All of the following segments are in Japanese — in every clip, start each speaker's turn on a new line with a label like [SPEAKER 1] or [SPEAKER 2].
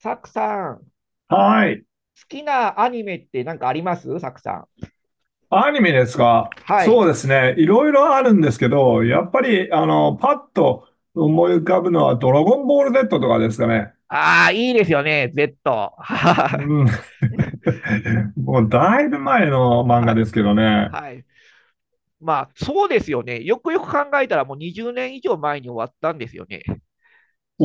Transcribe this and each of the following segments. [SPEAKER 1] サクさん、好
[SPEAKER 2] はい。
[SPEAKER 1] きなアニメって何かありますサクさん。
[SPEAKER 2] アニメですか？
[SPEAKER 1] はい。
[SPEAKER 2] そうですね。いろいろあるんですけど、やっぱり、パッと思い浮かぶのは、ドラゴンボール Z とかですかね。
[SPEAKER 1] ああ、いいですよね、Z。
[SPEAKER 2] う ん。
[SPEAKER 1] お、
[SPEAKER 2] もう、だいぶ前の漫
[SPEAKER 1] は
[SPEAKER 2] 画で
[SPEAKER 1] い。
[SPEAKER 2] すけどね。
[SPEAKER 1] はい。まあ、そうですよね。よくよく考えたら、もう20年以上前に終わったんですよね。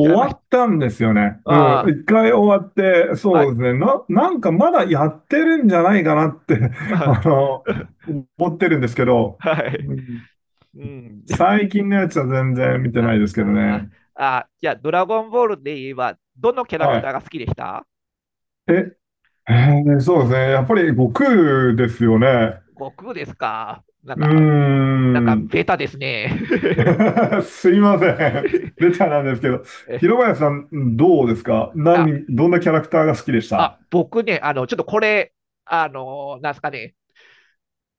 [SPEAKER 1] 違いまし
[SPEAKER 2] わっ
[SPEAKER 1] た。
[SPEAKER 2] たんですよね。う
[SPEAKER 1] あ
[SPEAKER 2] ん。一回終わって、
[SPEAKER 1] あ、は
[SPEAKER 2] そうです
[SPEAKER 1] い。
[SPEAKER 2] ね。なんかまだやってるんじゃないかなって
[SPEAKER 1] あ
[SPEAKER 2] あの、思ってるんですけ ど、
[SPEAKER 1] はい。
[SPEAKER 2] うん、
[SPEAKER 1] うん。
[SPEAKER 2] 最近のやつは全然見てな
[SPEAKER 1] あ
[SPEAKER 2] いですけど
[SPEAKER 1] あー、
[SPEAKER 2] ね。
[SPEAKER 1] あーじゃあ、ドラゴンボールで言えば、どのキャラク
[SPEAKER 2] は
[SPEAKER 1] ター
[SPEAKER 2] い。
[SPEAKER 1] が好きでした
[SPEAKER 2] え、えーそうですね。やっぱり悟空ですよね。
[SPEAKER 1] 悟空ですか。なん
[SPEAKER 2] う
[SPEAKER 1] か、
[SPEAKER 2] ー
[SPEAKER 1] なんか、
[SPEAKER 2] ん。
[SPEAKER 1] ベタですね。
[SPEAKER 2] すいません。ベタなんですけど。
[SPEAKER 1] え、
[SPEAKER 2] 広林さん、どうですか？
[SPEAKER 1] あ
[SPEAKER 2] どんなキャラクターが好きでし
[SPEAKER 1] あ、
[SPEAKER 2] た？
[SPEAKER 1] 僕ね、ちょっとこれ、あの、なんすかね、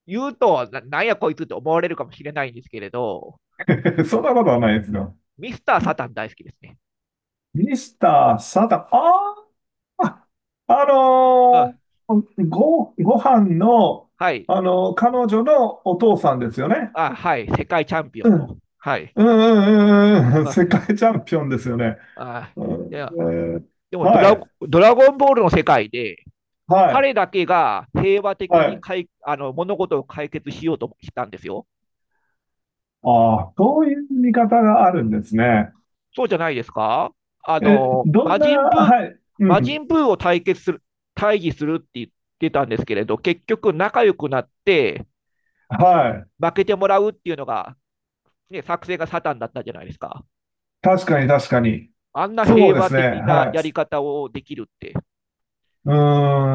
[SPEAKER 1] 言うと、なんやこいつって思われるかもしれないんですけれど、
[SPEAKER 2] そんなことはないですよ。
[SPEAKER 1] ミスター・サタン大好きですね。
[SPEAKER 2] ミスター・サタン。ああ、あ
[SPEAKER 1] う
[SPEAKER 2] の
[SPEAKER 1] ん。
[SPEAKER 2] ご飯の、
[SPEAKER 1] はい。
[SPEAKER 2] 彼女のお父さんですよね。
[SPEAKER 1] あ、はい。世界チャンピオ
[SPEAKER 2] う
[SPEAKER 1] ンの。
[SPEAKER 2] ん。
[SPEAKER 1] はい。
[SPEAKER 2] うんうんうんうん。
[SPEAKER 1] あ、
[SPEAKER 2] 世界チャンピオンですよね。
[SPEAKER 1] あ、
[SPEAKER 2] う
[SPEAKER 1] い
[SPEAKER 2] ん。
[SPEAKER 1] や、でも
[SPEAKER 2] はい。
[SPEAKER 1] ドラゴンボールの世界で、
[SPEAKER 2] はい。
[SPEAKER 1] 彼だけが平和的
[SPEAKER 2] は
[SPEAKER 1] に
[SPEAKER 2] い。
[SPEAKER 1] かい、物事を解決しようとしたんですよ。
[SPEAKER 2] ああ、そういう見方があるんですね。
[SPEAKER 1] そうじゃないですか。
[SPEAKER 2] え、どん
[SPEAKER 1] 魔
[SPEAKER 2] な、
[SPEAKER 1] 人ブー、
[SPEAKER 2] はい、う
[SPEAKER 1] 魔
[SPEAKER 2] ん、
[SPEAKER 1] 人ブーを対決する、対峙するって言ってたんですけれど、結局仲良くなって
[SPEAKER 2] はい。
[SPEAKER 1] 負けてもらうっていうのが、ね、作戦がサタンだったじゃないですか。
[SPEAKER 2] 確かに確かに。
[SPEAKER 1] あんな
[SPEAKER 2] そう
[SPEAKER 1] 平
[SPEAKER 2] で
[SPEAKER 1] 和
[SPEAKER 2] すね、
[SPEAKER 1] 的な
[SPEAKER 2] はい。
[SPEAKER 1] やり方をできるって。
[SPEAKER 2] う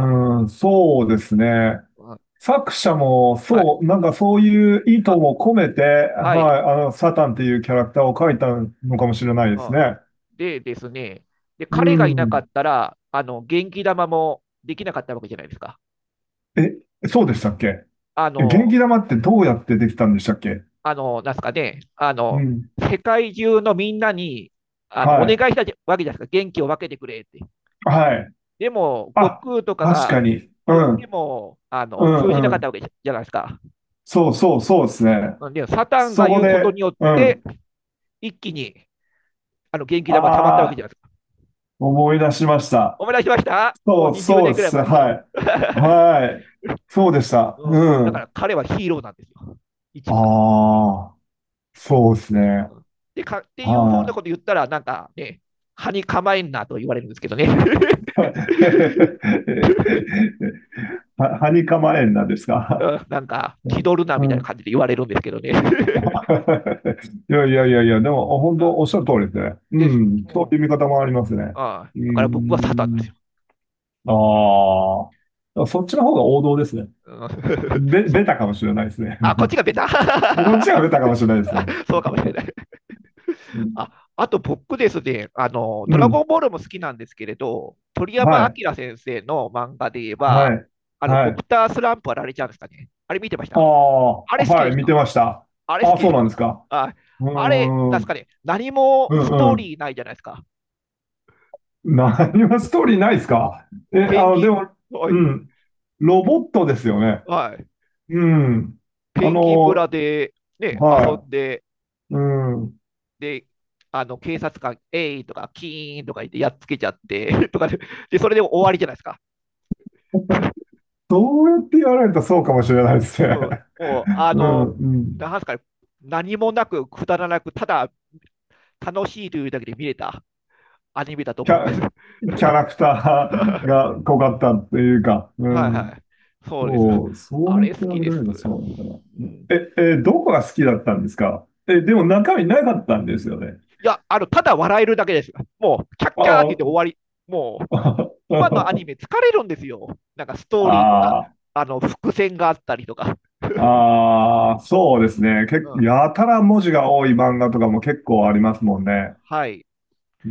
[SPEAKER 2] ーん、そうですね。
[SPEAKER 1] うん、
[SPEAKER 2] 作者も、
[SPEAKER 1] はい。
[SPEAKER 2] そう、なんかそういう意図
[SPEAKER 1] あ、
[SPEAKER 2] も込めて、
[SPEAKER 1] はい、
[SPEAKER 2] はい、サタンっていうキャラクターを描いたのかもしれないで
[SPEAKER 1] う
[SPEAKER 2] す
[SPEAKER 1] ん。
[SPEAKER 2] ね。
[SPEAKER 1] でですね、で、
[SPEAKER 2] う
[SPEAKER 1] 彼がいなかっ
[SPEAKER 2] ん。
[SPEAKER 1] たら、元気玉もできなかったわけじゃないですか。
[SPEAKER 2] え、そうでしたっけ？
[SPEAKER 1] あ
[SPEAKER 2] え、元
[SPEAKER 1] の、
[SPEAKER 2] 気玉ってどうやってできたんでしたっけ？
[SPEAKER 1] あの、なんすかね、あ
[SPEAKER 2] う
[SPEAKER 1] の、
[SPEAKER 2] ん。
[SPEAKER 1] 世界中のみんなに、
[SPEAKER 2] は
[SPEAKER 1] お願
[SPEAKER 2] い。
[SPEAKER 1] いしたわけじゃないですか。元気を分けてくれって。
[SPEAKER 2] はい。
[SPEAKER 1] でも、悟
[SPEAKER 2] あ、
[SPEAKER 1] 空とか
[SPEAKER 2] 確か
[SPEAKER 1] が
[SPEAKER 2] に。う
[SPEAKER 1] 言って
[SPEAKER 2] ん。
[SPEAKER 1] も、
[SPEAKER 2] う
[SPEAKER 1] 通じ
[SPEAKER 2] ん
[SPEAKER 1] な
[SPEAKER 2] う
[SPEAKER 1] かった
[SPEAKER 2] ん。
[SPEAKER 1] わけじゃないですか。
[SPEAKER 2] そうそうそうですね。
[SPEAKER 1] んで、サタン
[SPEAKER 2] そ
[SPEAKER 1] が
[SPEAKER 2] こ
[SPEAKER 1] 言うことに
[SPEAKER 2] で、
[SPEAKER 1] よっ
[SPEAKER 2] う
[SPEAKER 1] て、
[SPEAKER 2] ん。
[SPEAKER 1] 一気に、元気玉が溜まったわ
[SPEAKER 2] あ
[SPEAKER 1] けじ
[SPEAKER 2] あ、
[SPEAKER 1] ゃないですか。
[SPEAKER 2] 思い出しました。
[SPEAKER 1] 思い出しました。もう
[SPEAKER 2] そう
[SPEAKER 1] 20
[SPEAKER 2] そう
[SPEAKER 1] 年
[SPEAKER 2] で
[SPEAKER 1] ぐらい
[SPEAKER 2] す。
[SPEAKER 1] 前ですけど。
[SPEAKER 2] はい。はい。そうでし た。
[SPEAKER 1] うん、
[SPEAKER 2] う
[SPEAKER 1] だから
[SPEAKER 2] ん。
[SPEAKER 1] 彼はヒーローなんですよ。
[SPEAKER 2] あ
[SPEAKER 1] 一番の。
[SPEAKER 2] あ、そうですね。
[SPEAKER 1] うん、でかっていうふうな
[SPEAKER 2] は
[SPEAKER 1] こと
[SPEAKER 2] い。
[SPEAKER 1] 言ったら、なんかね、歯に構えんなと言われるんですけどね。
[SPEAKER 2] はにかまえんなんです
[SPEAKER 1] う
[SPEAKER 2] か？
[SPEAKER 1] ん、なんか、
[SPEAKER 2] う
[SPEAKER 1] 気
[SPEAKER 2] ん
[SPEAKER 1] 取るな
[SPEAKER 2] う
[SPEAKER 1] みたいな
[SPEAKER 2] ん
[SPEAKER 1] 感じで言われるんですけどね。
[SPEAKER 2] いやいやいやいや、でも、本当おっしゃる通りですね。う
[SPEAKER 1] で、
[SPEAKER 2] ん。
[SPEAKER 1] う
[SPEAKER 2] そう
[SPEAKER 1] ん、
[SPEAKER 2] いう見方もありますね。
[SPEAKER 1] あ、
[SPEAKER 2] う
[SPEAKER 1] だから僕はサタンなんです
[SPEAKER 2] ん。
[SPEAKER 1] よ。
[SPEAKER 2] ああ。そっちの方が王道ですね。
[SPEAKER 1] うん、
[SPEAKER 2] べ、
[SPEAKER 1] そ、
[SPEAKER 2] ベタかもしれないですね。
[SPEAKER 1] あ、こっ ちがベタ。
[SPEAKER 2] こっちがベタかもしれないですね。
[SPEAKER 1] そうかもしれない。
[SPEAKER 2] うん
[SPEAKER 1] あ、あと僕ですね、
[SPEAKER 2] う
[SPEAKER 1] ドラ
[SPEAKER 2] ん。
[SPEAKER 1] ゴンボールも好きなんですけれど、鳥
[SPEAKER 2] は
[SPEAKER 1] 山
[SPEAKER 2] い。
[SPEAKER 1] 明先生の漫画で言えば、
[SPEAKER 2] はい。は
[SPEAKER 1] ドク
[SPEAKER 2] い。
[SPEAKER 1] タースランプはラれちゃうんですかね。あれ見てまし
[SPEAKER 2] ああ、
[SPEAKER 1] たあれ好き
[SPEAKER 2] は
[SPEAKER 1] で
[SPEAKER 2] い。
[SPEAKER 1] し
[SPEAKER 2] 見
[SPEAKER 1] た。
[SPEAKER 2] てました。
[SPEAKER 1] あれ好
[SPEAKER 2] ああ、
[SPEAKER 1] きで
[SPEAKER 2] そう
[SPEAKER 1] し
[SPEAKER 2] な
[SPEAKER 1] た。
[SPEAKER 2] んですか。
[SPEAKER 1] あ、
[SPEAKER 2] うー
[SPEAKER 1] あれ、なんですか
[SPEAKER 2] ん。
[SPEAKER 1] ね、何も
[SPEAKER 2] う
[SPEAKER 1] ス
[SPEAKER 2] ん
[SPEAKER 1] ト
[SPEAKER 2] う
[SPEAKER 1] ー
[SPEAKER 2] ん。
[SPEAKER 1] リーないじゃないですか。
[SPEAKER 2] 何もストーリーないですか？え、
[SPEAKER 1] ペンギ
[SPEAKER 2] で
[SPEAKER 1] ン、
[SPEAKER 2] も、
[SPEAKER 1] は
[SPEAKER 2] う
[SPEAKER 1] い、
[SPEAKER 2] ん。ロボットですよね。
[SPEAKER 1] はい。
[SPEAKER 2] うん。あ
[SPEAKER 1] ペンギン村
[SPEAKER 2] の、
[SPEAKER 1] で、ね、遊ん
[SPEAKER 2] は
[SPEAKER 1] で、
[SPEAKER 2] い。うん。
[SPEAKER 1] で、あの警察官、えいとか、キーンとか言ってやっつけちゃって とかで、で、それでも終わりじゃないですか。
[SPEAKER 2] どうやって言われたらそうかもしれないですね。
[SPEAKER 1] うん、もう、あ
[SPEAKER 2] うん、
[SPEAKER 1] の、
[SPEAKER 2] うん。
[SPEAKER 1] なんすかね、何もなく、くだらなく、ただ楽しいというだけで見れたアニメだと
[SPEAKER 2] キ
[SPEAKER 1] 思います。
[SPEAKER 2] ャ、キャラクター が濃
[SPEAKER 1] う
[SPEAKER 2] かっ
[SPEAKER 1] ん、
[SPEAKER 2] たって
[SPEAKER 1] う
[SPEAKER 2] いう
[SPEAKER 1] ん、
[SPEAKER 2] か、う
[SPEAKER 1] はいは
[SPEAKER 2] ん。
[SPEAKER 1] い。そうです。
[SPEAKER 2] そう、そう
[SPEAKER 1] あ
[SPEAKER 2] やって
[SPEAKER 1] れ好
[SPEAKER 2] 言わ
[SPEAKER 1] き
[SPEAKER 2] れ
[SPEAKER 1] です。
[SPEAKER 2] るのそうなんだな。
[SPEAKER 1] うん、
[SPEAKER 2] どこが好きだったんですか？え、でも中身なかったんですよね。
[SPEAKER 1] いや、ただ笑えるだけです。もう、キャッキャーって言って終
[SPEAKER 2] あ
[SPEAKER 1] わり。もう、
[SPEAKER 2] あ、
[SPEAKER 1] 今のアニ メ疲れるんですよ。なんかストーリーとか、
[SPEAKER 2] ああ、
[SPEAKER 1] 伏線があったりとか。
[SPEAKER 2] ああ、そうですね。
[SPEAKER 1] うん。
[SPEAKER 2] やたら文字が多い漫画とかも結構ありますもんね。
[SPEAKER 1] はい。
[SPEAKER 2] うー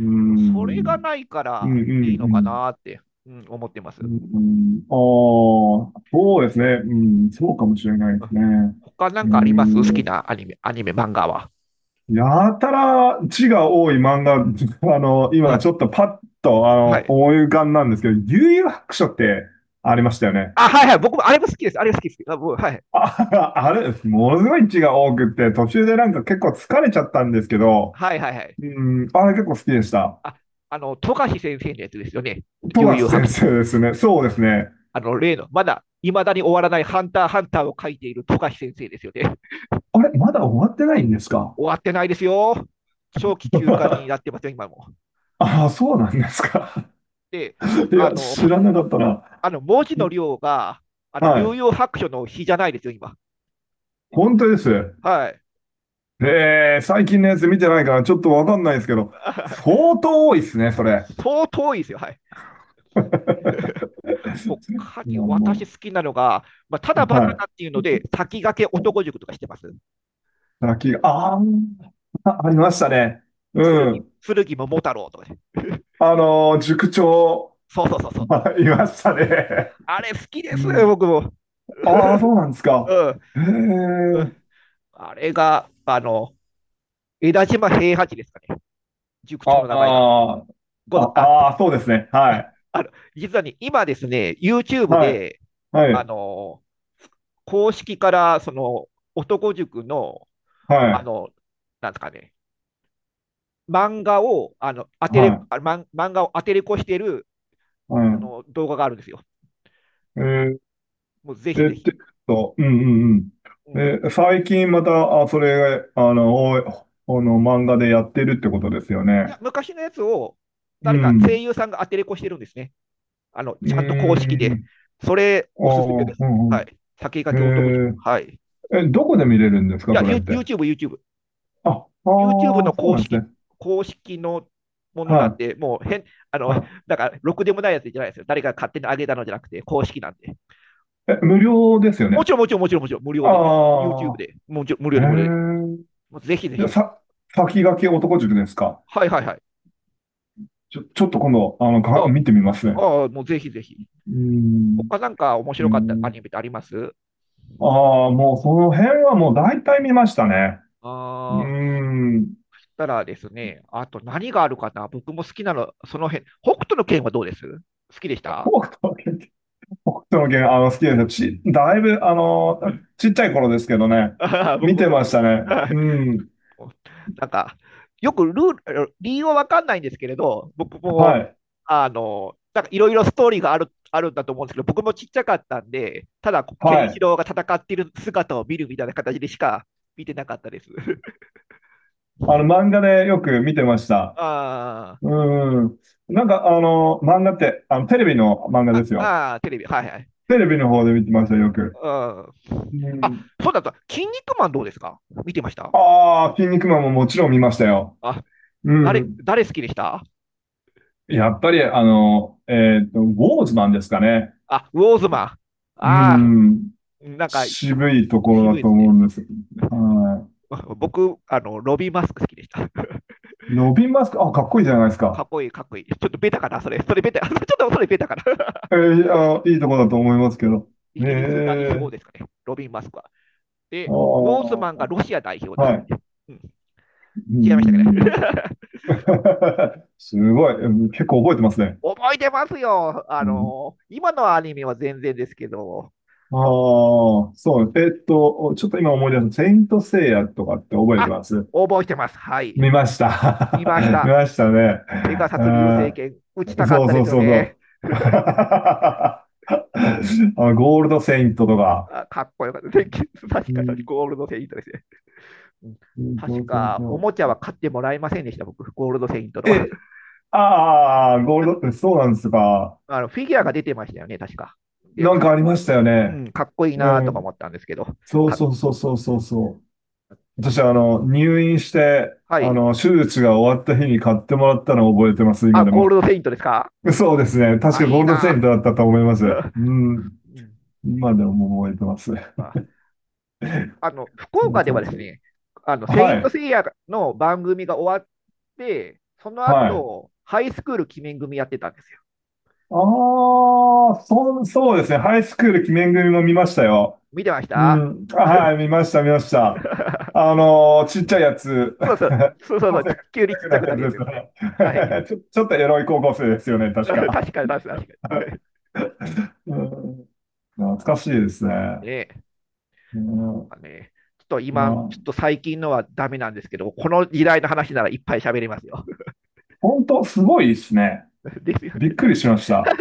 [SPEAKER 1] それが
[SPEAKER 2] ん。
[SPEAKER 1] ないか
[SPEAKER 2] う
[SPEAKER 1] ら
[SPEAKER 2] んうん
[SPEAKER 1] いいの
[SPEAKER 2] う
[SPEAKER 1] か
[SPEAKER 2] ん。
[SPEAKER 1] なって、うん、思ってま
[SPEAKER 2] う
[SPEAKER 1] す。
[SPEAKER 2] んうん、ああ、そうですね。う
[SPEAKER 1] うん、
[SPEAKER 2] ん、そうかもしれない
[SPEAKER 1] う
[SPEAKER 2] です
[SPEAKER 1] ん、
[SPEAKER 2] ね。
[SPEAKER 1] 他な
[SPEAKER 2] う
[SPEAKER 1] ん
[SPEAKER 2] ー
[SPEAKER 1] かあります、好き
[SPEAKER 2] ん。
[SPEAKER 1] なアニメ、アニメ、漫画は。
[SPEAKER 2] やたら字が多い漫画、
[SPEAKER 1] は
[SPEAKER 2] 今ち
[SPEAKER 1] い。
[SPEAKER 2] ょっとパッと、
[SPEAKER 1] はい。
[SPEAKER 2] 思い浮かんなんですけど、幽遊白書ってありましたよね。
[SPEAKER 1] あ、はいはい。僕もあれも好きです。あれ好きです。あ、もうはい。
[SPEAKER 2] あ、あれ、ものすごい字が多くって、途中でなんか結構疲れちゃったんですけど、
[SPEAKER 1] はいはいはい。
[SPEAKER 2] うん、あれ結構好きでした。
[SPEAKER 1] あ、富樫先生のやつですよね。
[SPEAKER 2] 富
[SPEAKER 1] 悠
[SPEAKER 2] 樫
[SPEAKER 1] 々
[SPEAKER 2] 先
[SPEAKER 1] 白書。
[SPEAKER 2] 生ですね。そうですね。
[SPEAKER 1] あの、例の、まだ、いまだに終わらないハンターハンターを書いている富樫先生ですよね。
[SPEAKER 2] あれ、まだ終わってないんですか？
[SPEAKER 1] 終わってないですよ。長期休暇になって ますよ、今も。
[SPEAKER 2] ああ、そうなんですか。
[SPEAKER 1] で、
[SPEAKER 2] い
[SPEAKER 1] あ
[SPEAKER 2] や、
[SPEAKER 1] の、
[SPEAKER 2] 知らなかったな。
[SPEAKER 1] あの文字の量が、
[SPEAKER 2] は
[SPEAKER 1] 有
[SPEAKER 2] い。
[SPEAKER 1] 用白書の日じゃないですよ、今。
[SPEAKER 2] 本当です。
[SPEAKER 1] はい。
[SPEAKER 2] 最近のやつ見てないからちょっとわかんないですけど、相当多いですね、それ。
[SPEAKER 1] 相当いいですよ、はい。他
[SPEAKER 2] い
[SPEAKER 1] に
[SPEAKER 2] やも
[SPEAKER 1] 私好きなのが、まあ、た
[SPEAKER 2] う、
[SPEAKER 1] だバ
[SPEAKER 2] は
[SPEAKER 1] カ
[SPEAKER 2] い。
[SPEAKER 1] だっていうので、先駆け男塾とかしてます。
[SPEAKER 2] 先が、あーあ、ありましたね。うん。
[SPEAKER 1] 剣桃太郎とかね。
[SPEAKER 2] 塾長、
[SPEAKER 1] そうそうそうそう。
[SPEAKER 2] いましたね。
[SPEAKER 1] あれ好きで
[SPEAKER 2] う
[SPEAKER 1] すよ、
[SPEAKER 2] ん。
[SPEAKER 1] 僕も。
[SPEAKER 2] ああ、そうなんです
[SPEAKER 1] う
[SPEAKER 2] か。
[SPEAKER 1] ん、
[SPEAKER 2] へ
[SPEAKER 1] うん。
[SPEAKER 2] え。
[SPEAKER 1] あれが、江田島平八ですかね。塾
[SPEAKER 2] あ
[SPEAKER 1] 長の名前が。
[SPEAKER 2] ー
[SPEAKER 1] ごぞあ、
[SPEAKER 2] ああ、そうですね。はい。
[SPEAKER 1] あの、実はね、今ですね、YouTube
[SPEAKER 2] はい。
[SPEAKER 1] で、
[SPEAKER 2] は
[SPEAKER 1] あ
[SPEAKER 2] い。
[SPEAKER 1] の、公式から、その、男塾の、
[SPEAKER 2] は
[SPEAKER 1] あ
[SPEAKER 2] い。
[SPEAKER 1] の、なんですかね、漫画を、あの、当て
[SPEAKER 2] は
[SPEAKER 1] れ、
[SPEAKER 2] い。
[SPEAKER 1] あ、漫漫画を当てれこしてる、
[SPEAKER 2] はい。
[SPEAKER 1] 動画があるんですよ。
[SPEAKER 2] うん。
[SPEAKER 1] もうぜひ
[SPEAKER 2] えっ
[SPEAKER 1] ぜひ。
[SPEAKER 2] うんうん
[SPEAKER 1] う
[SPEAKER 2] う
[SPEAKER 1] ん。
[SPEAKER 2] ん。え、最近また、あ、それ、あの、おいあの、漫画でやってるってことですよ
[SPEAKER 1] い
[SPEAKER 2] ね。
[SPEAKER 1] や、昔のやつを、
[SPEAKER 2] う
[SPEAKER 1] 誰か声
[SPEAKER 2] ん。
[SPEAKER 1] 優さんが当てれこしてるんですね。
[SPEAKER 2] うー
[SPEAKER 1] ちゃんと公式で。
[SPEAKER 2] ん。
[SPEAKER 1] それ、
[SPEAKER 2] あ
[SPEAKER 1] おすすめで
[SPEAKER 2] あ、う
[SPEAKER 1] す。
[SPEAKER 2] ん
[SPEAKER 1] はい。先駆
[SPEAKER 2] うん。
[SPEAKER 1] け男塾。はい。い
[SPEAKER 2] え、どこで見れるんですか、
[SPEAKER 1] や、
[SPEAKER 2] それって？
[SPEAKER 1] YouTube、YouTube。
[SPEAKER 2] あ、あ
[SPEAKER 1] YouTube
[SPEAKER 2] あ、
[SPEAKER 1] の
[SPEAKER 2] そう
[SPEAKER 1] 公
[SPEAKER 2] なんです
[SPEAKER 1] 式、
[SPEAKER 2] ね。
[SPEAKER 1] 公式のものなん
[SPEAKER 2] は
[SPEAKER 1] で、もう変、あ
[SPEAKER 2] い。
[SPEAKER 1] の、
[SPEAKER 2] は
[SPEAKER 1] だから、ろくでもないやつじゃないですよ。誰か勝手に上げたのじゃなくて、公式なんで。
[SPEAKER 2] い。え、無
[SPEAKER 1] も
[SPEAKER 2] 料ですよ
[SPEAKER 1] うも
[SPEAKER 2] ね。
[SPEAKER 1] ちろん、もちろん、もちろん、もちろん、無料で、YouTube
[SPEAKER 2] あ
[SPEAKER 1] で、もちろん無料
[SPEAKER 2] あ、へ
[SPEAKER 1] で、無料で。
[SPEAKER 2] え。
[SPEAKER 1] もうぜひぜ
[SPEAKER 2] じゃ、
[SPEAKER 1] ひ。
[SPEAKER 2] 先駆け男塾ですか？
[SPEAKER 1] はいはいはい。
[SPEAKER 2] ちょっと今度、
[SPEAKER 1] あ、
[SPEAKER 2] 見てみますね。
[SPEAKER 1] ああ、もうぜひぜひ。
[SPEAKER 2] うーん。
[SPEAKER 1] 他なんか面
[SPEAKER 2] うー
[SPEAKER 1] 白かったア
[SPEAKER 2] ん。
[SPEAKER 1] ニメってあります
[SPEAKER 2] ああ、もうその辺はもう大体見ましたね。うー
[SPEAKER 1] ああ、
[SPEAKER 2] ん。
[SPEAKER 1] そしたらですね、あと何があるかな、僕も好きなの、その辺。北斗の拳はどうです好きでした
[SPEAKER 2] 北斗の拳、北斗の拳、好きですよ。だいぶ、ちっちゃい頃ですけどね、
[SPEAKER 1] ああ、僕
[SPEAKER 2] 見
[SPEAKER 1] も
[SPEAKER 2] て
[SPEAKER 1] そう
[SPEAKER 2] ま
[SPEAKER 1] で
[SPEAKER 2] し
[SPEAKER 1] す。
[SPEAKER 2] たね。
[SPEAKER 1] はい
[SPEAKER 2] うん。
[SPEAKER 1] なんか、よくルール、理由は分かんないんですけれど、僕も、
[SPEAKER 2] はい。
[SPEAKER 1] なんかいろいろストーリーがあるんだと思うんですけど、僕もちっちゃかったんで、ただ、ケ
[SPEAKER 2] は
[SPEAKER 1] ンシ
[SPEAKER 2] い。
[SPEAKER 1] ロウが戦っている姿を見るみたいな形でしか見てなかったです。
[SPEAKER 2] 漫画でよく見てました。
[SPEAKER 1] あ
[SPEAKER 2] うん。なんか、漫画って、テレビの漫画
[SPEAKER 1] あ、
[SPEAKER 2] ですよ。
[SPEAKER 1] ああ、テレビ、はいはい。
[SPEAKER 2] テレビの方で見てました、よく。
[SPEAKER 1] うん。
[SPEAKER 2] う
[SPEAKER 1] あ、
[SPEAKER 2] ん。
[SPEAKER 1] そうだった。筋肉マンどうですか、見てました
[SPEAKER 2] ああ、筋肉マンももちろん見ましたよ。
[SPEAKER 1] あ、
[SPEAKER 2] う
[SPEAKER 1] 誰、
[SPEAKER 2] ん。
[SPEAKER 1] 誰好きでした
[SPEAKER 2] やっぱり、ウォーズマンですかね。
[SPEAKER 1] あ、ウォーズマン。
[SPEAKER 2] う
[SPEAKER 1] ああ、
[SPEAKER 2] ん、
[SPEAKER 1] なんか、
[SPEAKER 2] 渋いところ
[SPEAKER 1] 渋
[SPEAKER 2] だ
[SPEAKER 1] い
[SPEAKER 2] と
[SPEAKER 1] ですね。
[SPEAKER 2] 思うんです。は
[SPEAKER 1] 僕、ロビーマスク好きでした。
[SPEAKER 2] い。ロビン・マスク、あ、かっこいいじゃないです
[SPEAKER 1] か
[SPEAKER 2] か。
[SPEAKER 1] っこいい、かっこいい。ちょっとベタかな、それ。それベタ。ちょっとそれベタかな。
[SPEAKER 2] あ、いいところだと思います
[SPEAKER 1] う
[SPEAKER 2] け
[SPEAKER 1] ん、
[SPEAKER 2] ど。
[SPEAKER 1] イ
[SPEAKER 2] ね
[SPEAKER 1] ギリス代
[SPEAKER 2] え、
[SPEAKER 1] 表ですかね、ロビン・マスクは。
[SPEAKER 2] ああ、
[SPEAKER 1] で、ウォーズマンが
[SPEAKER 2] は
[SPEAKER 1] ロシア代表で
[SPEAKER 2] い。
[SPEAKER 1] したっけ、うん、
[SPEAKER 2] うんう
[SPEAKER 1] 違いましたかね。
[SPEAKER 2] んうん すごい。うん、結構覚えてますね。
[SPEAKER 1] 覚えてますよ。あ
[SPEAKER 2] うん、
[SPEAKER 1] のー今のアニメは全然ですけど、
[SPEAKER 2] ああ、そう。ちょっと今思い出す。セイント・セイヤとかって覚えて
[SPEAKER 1] あ、
[SPEAKER 2] ます？
[SPEAKER 1] 覚えてます。はい。
[SPEAKER 2] 見まし
[SPEAKER 1] 見
[SPEAKER 2] た。
[SPEAKER 1] まし
[SPEAKER 2] 見
[SPEAKER 1] た。
[SPEAKER 2] ましたね。
[SPEAKER 1] ペガサス流星
[SPEAKER 2] あ
[SPEAKER 1] 拳、打ち
[SPEAKER 2] ー、
[SPEAKER 1] たかっ
[SPEAKER 2] そう
[SPEAKER 1] たで
[SPEAKER 2] そう
[SPEAKER 1] すよ
[SPEAKER 2] そう
[SPEAKER 1] ね。
[SPEAKER 2] そう。あゴールドセイントとか。
[SPEAKER 1] あ、かっこよかった。で、確
[SPEAKER 2] う
[SPEAKER 1] か、
[SPEAKER 2] ん
[SPEAKER 1] ゴールドセイントですね。うん、
[SPEAKER 2] うんそ
[SPEAKER 1] 確
[SPEAKER 2] うそう
[SPEAKER 1] か、お
[SPEAKER 2] そ
[SPEAKER 1] もちゃは買ってもらえませんでした、僕、ゴールドセイントの
[SPEAKER 2] う。
[SPEAKER 1] は。
[SPEAKER 2] え、ああ、ゴールド、そうなんですか。
[SPEAKER 1] あのフィギュアが出てましたよね、確か。で
[SPEAKER 2] なんか
[SPEAKER 1] か,、
[SPEAKER 2] ありまし
[SPEAKER 1] う
[SPEAKER 2] たよ
[SPEAKER 1] んう
[SPEAKER 2] ね。
[SPEAKER 1] ん、かっこいい
[SPEAKER 2] う
[SPEAKER 1] なとか思
[SPEAKER 2] ん。
[SPEAKER 1] ったんですけど。
[SPEAKER 2] そう
[SPEAKER 1] か、
[SPEAKER 2] そうそうそう
[SPEAKER 1] う
[SPEAKER 2] そう
[SPEAKER 1] ん、
[SPEAKER 2] そう。私、入院して、
[SPEAKER 1] はい。
[SPEAKER 2] 手術が終わった日に買ってもらったのを覚えてます、
[SPEAKER 1] あ、
[SPEAKER 2] 今で
[SPEAKER 1] ゴー
[SPEAKER 2] も。
[SPEAKER 1] ルドセイントですか。
[SPEAKER 2] そうですね。確
[SPEAKER 1] あ、
[SPEAKER 2] かゴー
[SPEAKER 1] いい
[SPEAKER 2] ルドセイン
[SPEAKER 1] な
[SPEAKER 2] トだったと思います。
[SPEAKER 1] ぁ
[SPEAKER 2] うん。
[SPEAKER 1] うん、
[SPEAKER 2] 今でも覚えてます。
[SPEAKER 1] あ、あの、福
[SPEAKER 2] そう
[SPEAKER 1] 岡で
[SPEAKER 2] そ
[SPEAKER 1] は
[SPEAKER 2] う
[SPEAKER 1] で
[SPEAKER 2] そ
[SPEAKER 1] す
[SPEAKER 2] う。
[SPEAKER 1] ね、セイ
[SPEAKER 2] は
[SPEAKER 1] ント
[SPEAKER 2] い。
[SPEAKER 1] セイヤの番組が終わって、その
[SPEAKER 2] はい。
[SPEAKER 1] 後、ハイスクール鬼面組やってたんですよ。
[SPEAKER 2] ああ、そうですね。ハイスクール記念組も見ましたよ。
[SPEAKER 1] 見てまし
[SPEAKER 2] う
[SPEAKER 1] た
[SPEAKER 2] ん。あ、はい、見ました、見ました。ちっちゃいやつ。
[SPEAKER 1] そうそう、そうそ うそ
[SPEAKER 2] 高
[SPEAKER 1] う、
[SPEAKER 2] 校生
[SPEAKER 1] ち、
[SPEAKER 2] がちっ
[SPEAKER 1] 急
[SPEAKER 2] ち
[SPEAKER 1] に
[SPEAKER 2] ゃ
[SPEAKER 1] ちっ
[SPEAKER 2] く
[SPEAKER 1] ち
[SPEAKER 2] な
[SPEAKER 1] ゃ
[SPEAKER 2] い
[SPEAKER 1] くな
[SPEAKER 2] やつ
[SPEAKER 1] るや
[SPEAKER 2] で
[SPEAKER 1] つ
[SPEAKER 2] す
[SPEAKER 1] ですね。
[SPEAKER 2] ね。
[SPEAKER 1] はい。
[SPEAKER 2] ちょっとエロい高校生ですよね、確
[SPEAKER 1] 確
[SPEAKER 2] か。
[SPEAKER 1] かに、確かに。確か に、
[SPEAKER 2] うん、
[SPEAKER 1] そう
[SPEAKER 2] 懐
[SPEAKER 1] なんで
[SPEAKER 2] か
[SPEAKER 1] す
[SPEAKER 2] しいですね。
[SPEAKER 1] ね。
[SPEAKER 2] う
[SPEAKER 1] か
[SPEAKER 2] ん、
[SPEAKER 1] ね。ちょっと
[SPEAKER 2] ま
[SPEAKER 1] 今、ちょっと
[SPEAKER 2] あ、
[SPEAKER 1] 最近のはダメなんですけど、この時代の話ならいっぱい喋れますよ。
[SPEAKER 2] 本当すごいですね。
[SPEAKER 1] ですよ
[SPEAKER 2] び
[SPEAKER 1] ね。
[SPEAKER 2] っくりしました。